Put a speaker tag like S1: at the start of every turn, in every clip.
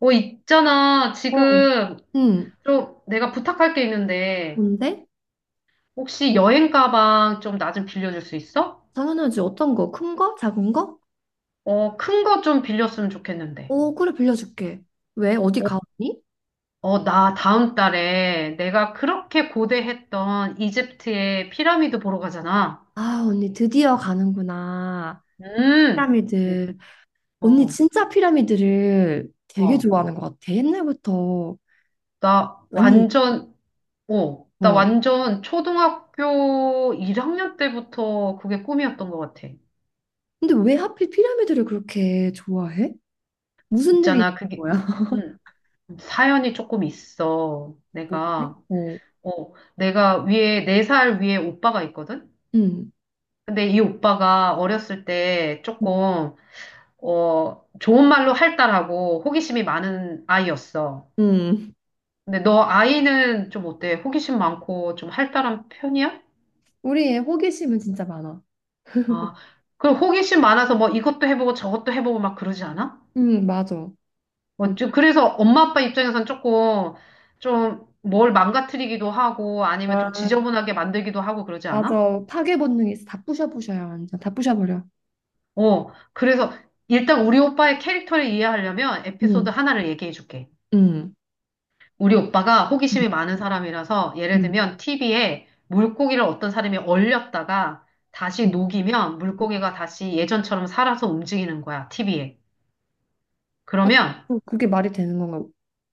S1: 있잖아.
S2: 어,
S1: 지금
S2: 응,
S1: 좀 내가 부탁할 게 있는데,
S2: 뭔데?
S1: 혹시 여행 가방 좀 나 좀 빌려줄 수 있어?
S2: 당연하지. 어떤 거? 큰 거? 작은 거?
S1: 큰 거 좀 빌렸으면 좋겠는데.
S2: 오, 그래, 빌려줄게. 왜? 어디
S1: 어,
S2: 가, 언니?
S1: 나 다음 달에 내가 그렇게 고대했던 이집트의 피라미드 보러 가잖아.
S2: 아, 언니 드디어 가는구나.
S1: 음, 그,
S2: 피라미드. 언니
S1: 어,
S2: 진짜 피라미드를 되게
S1: 어.
S2: 좋아하는 것 같아. 옛날부터.
S1: 나
S2: 아니,
S1: 완전, 나
S2: 어.
S1: 완전 초등학교 1학년 때부터 그게 꿈이었던 것 같아.
S2: 근데 왜 하필 피라미드를 그렇게 좋아해? 무슨 일이 있는
S1: 있잖아, 그게.
S2: 거야?
S1: 음. 사연이 조금 있어.
S2: 뭔데? 어,
S1: 내가 위에, 4살 위에 오빠가 있거든?
S2: 응,
S1: 근데 이 오빠가 어렸을 때 조금, 좋은 말로 할달하고 호기심이 많은 아이였어.
S2: 응.
S1: 근데 너 아이는 좀 어때? 호기심 많고 좀 할달한 편이야?
S2: 우리의 호기심은 진짜 많아.
S1: 아, 그럼 호기심 많아서 뭐 이것도 해보고 저것도 해보고 막 그러지 않아?
S2: 응, 맞아.
S1: 뭐, 좀 그래서 엄마 아빠 입장에선 조금, 좀 뭘 망가뜨리기도 하고 아니면 좀
S2: 뭘까?
S1: 지저분하게 만들기도 하고 그러지 않아?
S2: 맞아. 파괴 본능이 있어. 다 부셔부셔요, 완전. 다 부셔버려.
S1: 그래서 일단 우리 오빠의 캐릭터를 이해하려면 에피소드
S2: 음.
S1: 하나를 얘기해 줄게.
S2: 음,
S1: 우리 오빠가
S2: 음,
S1: 호기심이 많은 사람이라서 예를
S2: 음,
S1: 들면 TV에 물고기를 어떤 사람이 얼렸다가 다시
S2: 응.
S1: 녹이면 물고기가 다시 예전처럼 살아서 움직이는 거야, TV에.
S2: 아,
S1: 그러면,
S2: 그게 말이 되는 건가,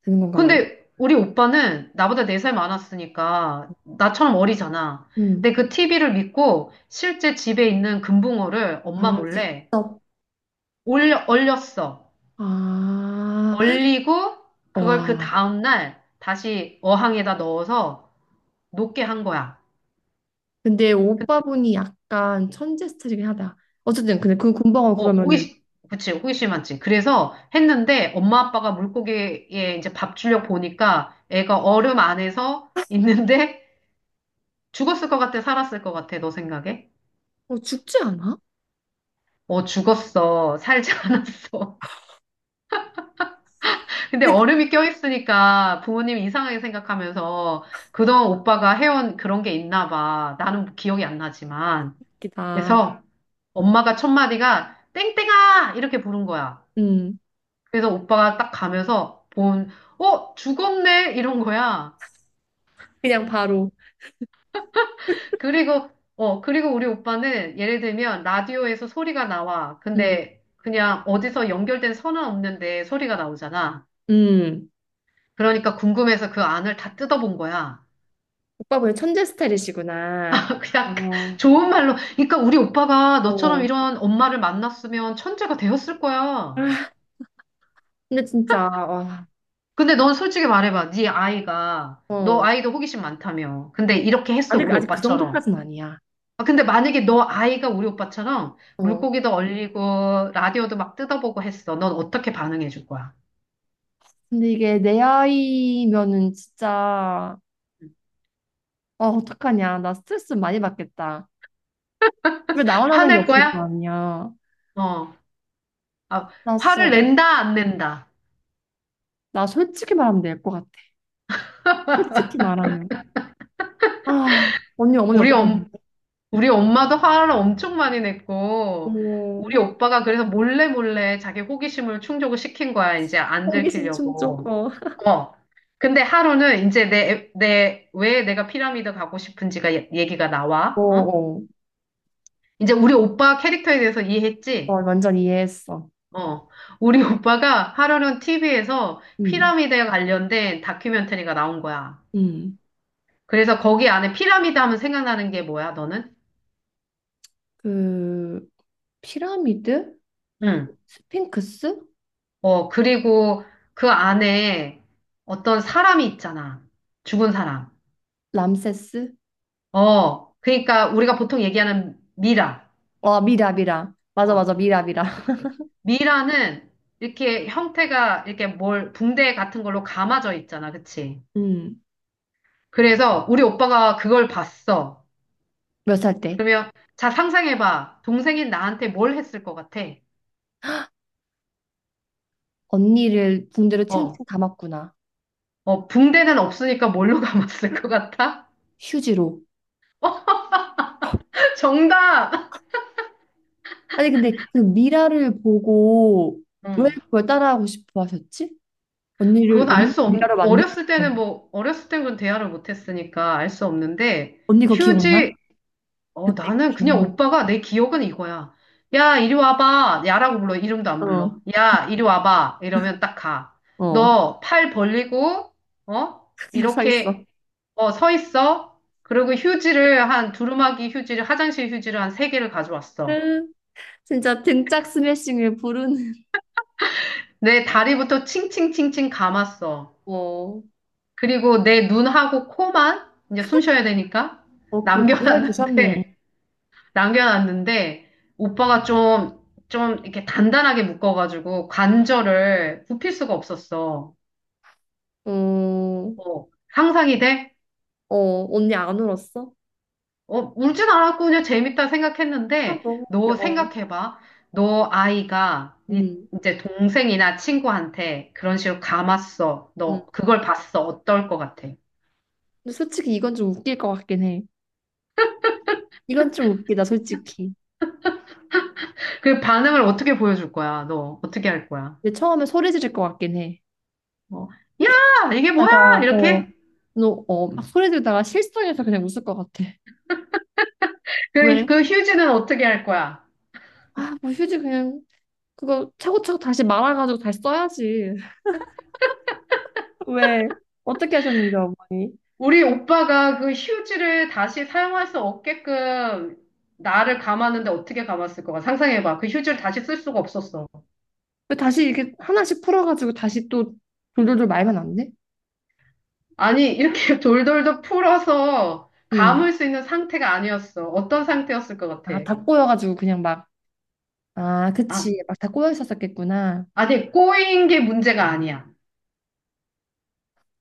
S2: 되는 건가, 원래?
S1: 근데 우리 오빠는 나보다 4살 많았으니까 나처럼 어리잖아.
S2: 음.
S1: 근데 그 TV를 믿고 실제 집에 있는 금붕어를 엄마
S2: 아,
S1: 몰래
S2: 직접.
S1: 얼렸어.
S2: 아,
S1: 얼리고 그걸 그
S2: 와.
S1: 다음날 다시 어항에다 넣어서 녹게 한 거야.
S2: 근데 오빠분이 약간 천재 스타일이긴 하다. 어쨌든, 근데 그 군방어
S1: 어,
S2: 그러면은,
S1: 호기심, 그치, 호기심 많지. 그래서 했는데 엄마 아빠가 물고기에 이제 밥 주려고 보니까 애가 얼음 안에서 있는데 죽었을 것 같아, 살았을 것 같아, 너 생각에?
S2: 어, 죽지 않아?
S1: 어, 죽었어. 살지 않았어. 근데
S2: 근데 그게
S1: 얼음이 껴있으니까 부모님 이상하게 생각하면서 그동안 오빠가 해온 그런 게 있나 봐. 나는 기억이 안 나지만.
S2: 웃기다.
S1: 그래서 엄마가 첫 마디가 땡땡아! 이렇게 부른 거야.
S2: 음.
S1: 그래서 오빠가 딱 가면서 죽었네? 이런 거야.
S2: 그냥 바로.
S1: 그리고, 그리고 우리 오빠는 예를 들면 라디오에서 소리가 나와.
S2: 음.
S1: 근데 그냥 어디서 연결된 선은 없는데 소리가 나오잖아.
S2: 음.
S1: 그러니까 궁금해서 그 안을 다 뜯어본 거야.
S2: 오빠분이 천재 스타일이시구나. 아,
S1: 그냥 좋은 말로. 그러니까 우리 오빠가 너처럼
S2: 어.
S1: 이런 엄마를 만났으면 천재가 되었을 거야.
S2: 근데 진짜, 와.
S1: 근데 넌 솔직히 말해봐. 너
S2: 어.
S1: 아이도 호기심 많다며. 근데
S2: 어,
S1: 이렇게 했어,
S2: 아직,
S1: 우리
S2: 아직 그
S1: 오빠처럼.
S2: 정도까지는 아니야.
S1: 아, 근데 만약에 너 아이가 우리 오빠처럼
S2: 어.
S1: 물고기도 얼리고, 라디오도 막 뜯어보고 했어. 넌 어떻게 반응해 줄 거야?
S2: 근데 이게 내 아이면은 진짜, 어, 어떡하냐. 나 스트레스 많이 받겠다. 집에 나원하는 게
S1: 화낼
S2: 없을 거
S1: 거야?
S2: 아니야.
S1: 어. 아,
S2: 나, 진짜-
S1: 화를 낸다, 안 낸다?
S2: 나 솔직히 말하면 될 것 같아. 솔직히 말하면. 아, 언니 어머니
S1: 우리 엄,
S2: 어떠셨는데?
S1: 우리 엄마도 화를 엄청 많이 냈고,
S2: 어,
S1: 우리 오빠가 그래서 몰래 몰래 자기 호기심을 충족을 시킨 거야. 이제 안
S2: 호기심 충족,
S1: 들키려고.
S2: 어.
S1: 어. 근데 하루는 이제 왜 내가 피라미드 가고 싶은지가 얘기가
S2: 어,
S1: 나와. 어?
S2: 어.
S1: 이제 우리 오빠 캐릭터에 대해서
S2: 어,
S1: 이해했지?
S2: 완전 이해했어.
S1: 어. 우리 오빠가 하루는 TV에서
S2: 음,
S1: 피라미드에 관련된 다큐멘터리가 나온 거야.
S2: 음.
S1: 그래서 거기 안에 피라미드 하면 생각나는 게 뭐야, 너는?
S2: 그, 피라미드? 그
S1: 응.
S2: 스핑크스?
S1: 그리고 그 안에 어떤 사람이 있잖아. 죽은 사람.
S2: 람세스?
S1: 그러니까 우리가 보통 얘기하는 미라.
S2: 어, 미라, 미라. 맞아,
S1: 어,
S2: 맞아, 미라, 미라.
S1: 그치. 미라는 이렇게 형태가 이렇게 뭘 붕대 같은 걸로 감아져 있잖아. 그치.
S2: 음,
S1: 그래서 우리 오빠가 그걸 봤어.
S2: 몇 살 때?
S1: 그러면 자, 상상해봐. 동생인 나한테 뭘 했을 것 같아?
S2: 언니를 붕대로
S1: 어,
S2: 칭칭 감았구나.
S1: 붕대는 없으니까 뭘로 감았을 것 같아?
S2: 휴지로.
S1: 정답!
S2: 아니, 근데 그 미라를 보고 왜
S1: 응.
S2: 그걸 따라하고 싶어 하셨지? 언니를,
S1: 그건 알
S2: 언니
S1: 수 없,
S2: 미라를 만들고
S1: 어렸을 때는
S2: 싶어.
S1: 뭐, 어렸을 땐 그런 대화를 못 했으니까 알 수 없는데,
S2: 언니 그거
S1: 휴지,
S2: 기억나? 그때 그
S1: 나는
S2: 기억.
S1: 그냥 오빠가 내 기억은 이거야. 야, 이리 와봐. 야라고 불러. 이름도 안
S2: 어,
S1: 불러. 야, 이리 와봐. 이러면 딱 가.
S2: 어.
S1: 너 팔 벌리고, 어?
S2: 그 영상 있어.
S1: 이렇게, 서 있어. 그리고 휴지를 한, 두루마기 휴지를, 화장실 휴지를 한 세 개를 가져왔어.
S2: 진짜 등짝 스매싱을 부르는.
S1: 내 다리부터 칭칭칭칭 감았어.
S2: 어,
S1: 그리고 내 눈하고 코만 이제 숨 쉬어야 되니까
S2: 어, 그 무료를 두셨네.
S1: 남겨놨는데, 남겨놨는데, 오빠가 좀 이렇게 단단하게 묶어가지고 관절을 굽힐 수가 없었어.
S2: 어,
S1: 어, 상상이 돼?
S2: 어, 언니 안 울었어?
S1: 울진 않았고 그냥 재밌다
S2: 아,
S1: 생각했는데,
S2: 너무 웃겨.
S1: 너
S2: 어.
S1: 생각해봐. 너 아이가
S2: 음,
S1: 이제 동생이나 친구한테 그런 식으로 감았어. 너
S2: 음.
S1: 그걸 봤어. 어떨 것 같아?
S2: 근데 솔직히 이건 좀 웃길 것 같긴 해. 이건 좀 웃기다, 솔직히.
S1: 그 반응을 어떻게 보여줄 거야? 너 어떻게 할 거야?
S2: 근데 처음에 소리 지를 것 같긴 해.
S1: 뭐, 야,
S2: 이게
S1: 이게 뭐야?
S2: 다가 어,
S1: 이렇게?
S2: 너, 어, 막 소리 지르다가 실성해서 그냥 웃을 것 같아. 왜?
S1: 그 휴지는 어떻게 할 거야?
S2: 아, 뭐 휴지 그냥 그거 차고차고 다시 말아가지고 다시 써야지. 왜? 어떻게 하셨는데, 어머니?
S1: 우리 오빠가 그 휴지를 다시 사용할 수 없게끔 나를 감았는데 어떻게 감았을 거야? 상상해봐. 그 휴지를 다시 쓸 수가 없었어.
S2: 왜 다시 이렇게 하나씩 풀어가지고 다시 또 돌돌돌 말면 안 돼?
S1: 아니, 이렇게 돌돌돌 풀어서
S2: 응.
S1: 감을 수 있는 상태가 아니었어. 어떤 상태였을 것 같아?
S2: 아, 다 꼬여가지고 그냥 막, 아,
S1: 아,
S2: 그치. 막 다 꼬여 있었었겠구나.
S1: 아니, 꼬인 게 문제가 아니야.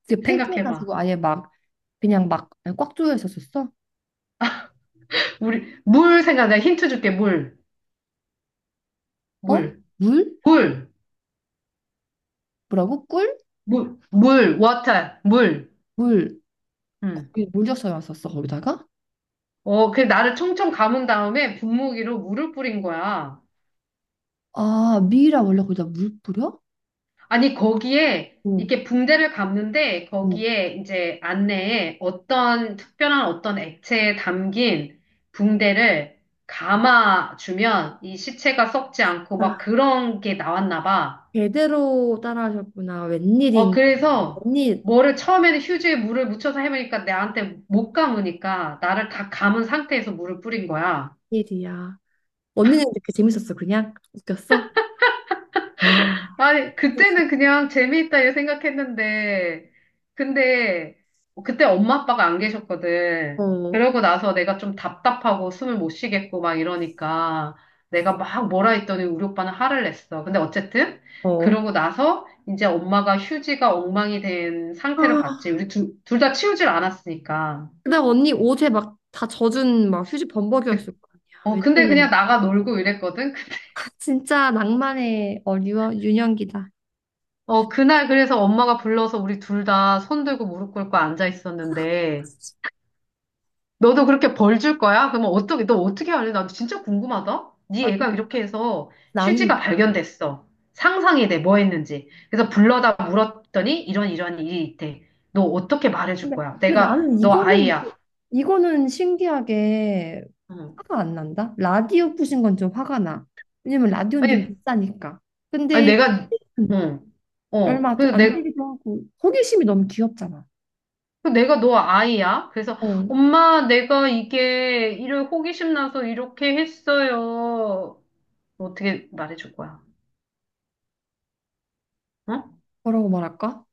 S2: 그게
S1: 생각해봐.
S2: 팽팽해가지고 아예 막, 그냥 막 꽉 조여 있었었어?
S1: 물 생각, 내가 힌트 줄게. 물,
S2: 어?
S1: 물,
S2: 물?
S1: 물,
S2: 뭐라고? 꿀?
S1: 물, 물, 워터, 물.
S2: 물.
S1: 음.
S2: 거기 물 줬어야 왔었어 거기다가.
S1: 그 나를 총총 감은 다음에 분무기로 물을 뿌린 거야.
S2: 아, 미라 원래 거기다 물 뿌려?
S1: 아니, 거기에
S2: 어,
S1: 이렇게 붕대를 감는데
S2: 어.
S1: 거기에 이제 안내에 어떤 특별한 어떤 액체에 담긴 붕대를
S2: 아,
S1: 감아주면 이 시체가 썩지 않고 막
S2: 아,
S1: 그런 게 나왔나 봐.
S2: 제대로 따라하셨구나. 웬일인,
S1: 그래서
S2: 웬일,
S1: 뭐를 처음에는 휴지에 물을 묻혀서 해보니까 내한테 못 감으니까 나를 다 감은 상태에서 물을 뿌린 거야.
S2: 웬일이야. 언니는 이렇게 재밌었어, 그냥? 웃겼어? 와.
S1: 아니, 그때는 그냥 재미있다 이렇게 생각했는데, 근데 그때 엄마 아빠가 안 계셨거든.
S2: 어,
S1: 그러고 나서 내가 좀 답답하고 숨을 못 쉬겠고 막 이러니까 내가 막 뭐라 했더니 우리 오빠는 화를 냈어. 근데 어쨌든
S2: 어.
S1: 그러고 나서 이제 엄마가 휴지가 엉망이 된 상태를
S2: 아,
S1: 봤지. 우리 둘 다 치우질 않았으니까.
S2: 그다음 언니 옷에 막 다 젖은 막 휴지 범벅이었을 거 아니야.
S1: 근데 그냥
S2: 웬일인.
S1: 나가 놀고 이랬거든.
S2: 아, 진짜 낭만의 어, 유, 윤현기다.
S1: 그날 그래서 엄마가 불러서 우리 둘 다 손 들고 무릎 꿇고 앉아 있었는데, 너도 그렇게 벌 줄 거야? 그러면 어떻게, 너 어떻게 할래? 나 진짜 궁금하다.
S2: 아,
S1: 네
S2: 그.
S1: 애가 이렇게 해서
S2: 나는
S1: 휴지가 발견됐어. 상상이 돼, 뭐 했는지. 그래서 불러다 물었더니 이런 이런 일이 있대. 너 어떻게 말해줄
S2: 근데,
S1: 거야?
S2: 근데
S1: 내가
S2: 나는
S1: 너
S2: 이거는
S1: 아이야.
S2: 이거는 신기하게
S1: 응.
S2: 화가 안 난다. 라디오 부신 건 좀 화가 나. 왜냐면 라디오는 좀
S1: 아니,
S2: 비싸니까.
S1: 아니
S2: 근데
S1: 내가, 응, 어.
S2: 얼마
S1: 그래서
S2: 안
S1: 내,
S2: 되기도 하고 호기심이 너무 귀엽잖아.
S1: 그 내가 너 아이야. 그래서
S2: 어.
S1: 엄마, 내가 이게 이런 호기심 나서 이렇게 했어요. 어떻게 말해줄 거야? 응?
S2: 뭐라고 말할까?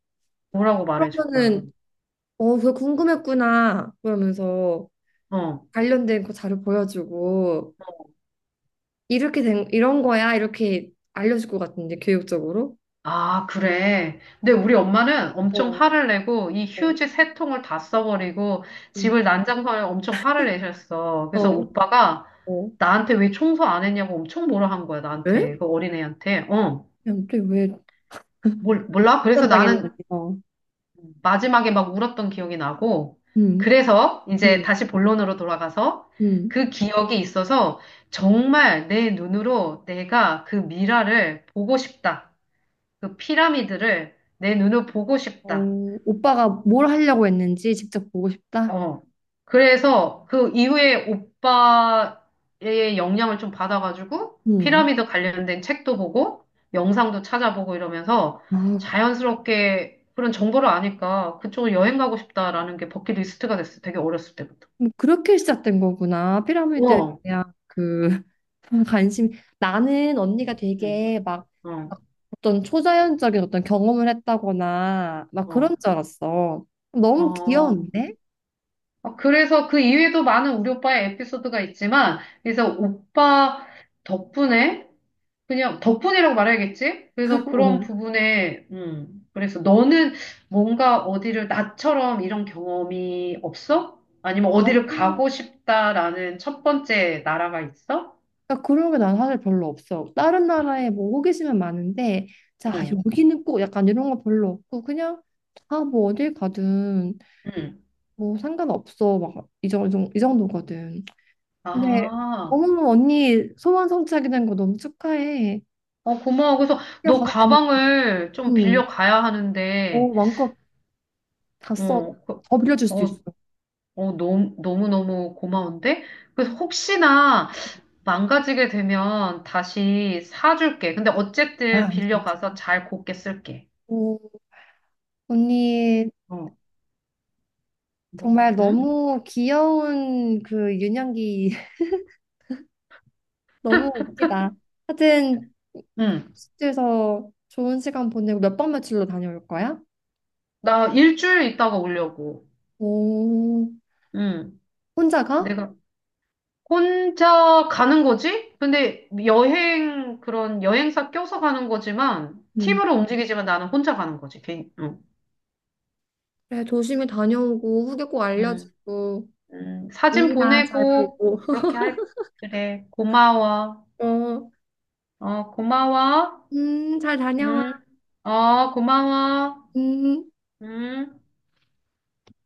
S1: 뭐라고 말해줄 거야?
S2: 그러면은 어, 그거 궁금했구나. 그러면서
S1: 어.
S2: 관련된 거 자료 보여주고 이렇게 된 이런 거야. 이렇게 알려줄 것 같은데 교육적으로.
S1: 아, 그래. 근데 우리 엄마는 엄청
S2: 어,
S1: 화를 내고 이
S2: 어,
S1: 휴지 세 통을 다 써버리고
S2: 음.
S1: 집을 난장판에 엄청 화를 내셨어. 그래서
S2: 어.
S1: 오빠가
S2: 어.
S1: 나한테 왜 청소 안 했냐고 엄청 뭐라 한 거야, 나한테.
S2: 왜?
S1: 그 어린애한테.
S2: 야, 근왜
S1: 몰라? 그래서 나는
S2: 당했는지.
S1: 마지막에 막 울었던 기억이 나고,
S2: 음,
S1: 그래서 이제
S2: 음.
S1: 다시 본론으로 돌아가서
S2: 음,
S1: 그 기억이 있어서 정말 내 눈으로 내가 그 미라를 보고 싶다. 그 피라미드를 내 눈으로 보고 싶다.
S2: 어, 오빠가 뭘 하려고 했는지 직접 보고 싶다.
S1: 어. 그래서 그 이후에 오빠의 영향을 좀 받아가지고
S2: 음.
S1: 피라미드 관련된 책도 보고 영상도 찾아보고 이러면서
S2: 아,
S1: 자연스럽게 그런 정보를 아니까 그쪽으로 여행 가고 싶다라는 게 버킷리스트가 됐어. 되게 어렸을 때부터.
S2: 그럼 그렇게 시작된 거구나. 피라미드에
S1: 어.
S2: 대한 그 관심. 나는 언니가
S1: 응.
S2: 되게 막
S1: 어.
S2: 어떤 초자연적인 어떤 경험을 했다거나 막 그런
S1: 어.
S2: 줄 알았어. 너무
S1: 어.
S2: 귀여운데?
S1: 그래서 그 이후에도 많은 우리 오빠의 에피소드가 있지만 그래서 오빠 덕분에 그냥 덕분이라고 말해야겠지? 그래서 그런
S2: 어.
S1: 부분에, 그래서 너는 뭔가 어디를 나처럼 이런 경험이 없어? 아니면 어디를
S2: 나는
S1: 가고 싶다라는 첫 번째 나라가 있어?
S2: 그러니까 그런 게 난 사실 별로 없어. 다른 나라에 뭐 호기심은 많은데, 자,
S1: 응,
S2: 여기는 꼭 약간 이런 거 별로 없고, 그냥, 아, 뭐 어딜 가든,
S1: 응.
S2: 뭐 상관없어. 막, 이 정도, 이 정도거든. 근데,
S1: 아,
S2: 너무 언니 소원 성취하게 된 거 너무 축하해.
S1: 고마워. 그래서
S2: 그냥
S1: 너
S2: 가게 되면,
S1: 가방을 좀
S2: 음,
S1: 빌려 가야 하는데,
S2: 뭐 마음껏 다 써.
S1: 어, 그-
S2: 더 빌려줄 수도
S1: 어,
S2: 있어.
S1: 너무, 너무너무 고마운데? 그래서 혹시나, 망가지게 되면 다시 사줄게. 근데
S2: 아,
S1: 어쨌든
S2: 안 되겠지.
S1: 빌려가서 잘 곱게 쓸게.
S2: 오, 언니,
S1: 어, 뭐,
S2: 정말
S1: 응?
S2: 너무 귀여운 그 유년기, 너무 웃기다. 하여튼,
S1: 응.
S2: 호스트에서 좋은 시간 보내고 몇 박 며칠로 다녀올 거야?
S1: 나 일주일 있다가 오려고.
S2: 오,
S1: 응.
S2: 혼자 가?
S1: 내가 혼자 가는 거지? 근데 그런 여행사 껴서 가는 거지만,
S2: 응.
S1: 팀으로 움직이지만 나는 혼자 가는 거지. 개인, 응.
S2: 그래, 조심히 다녀오고 후기 꼭
S1: 응.
S2: 알려주고
S1: 응. 사진
S2: 미라 잘
S1: 보내고,
S2: 보고.
S1: 그렇게 할, 그래. 고마워.
S2: 어,
S1: 고마워.
S2: 잘 다녀와.
S1: 응. 고마워.
S2: 음.
S1: 응.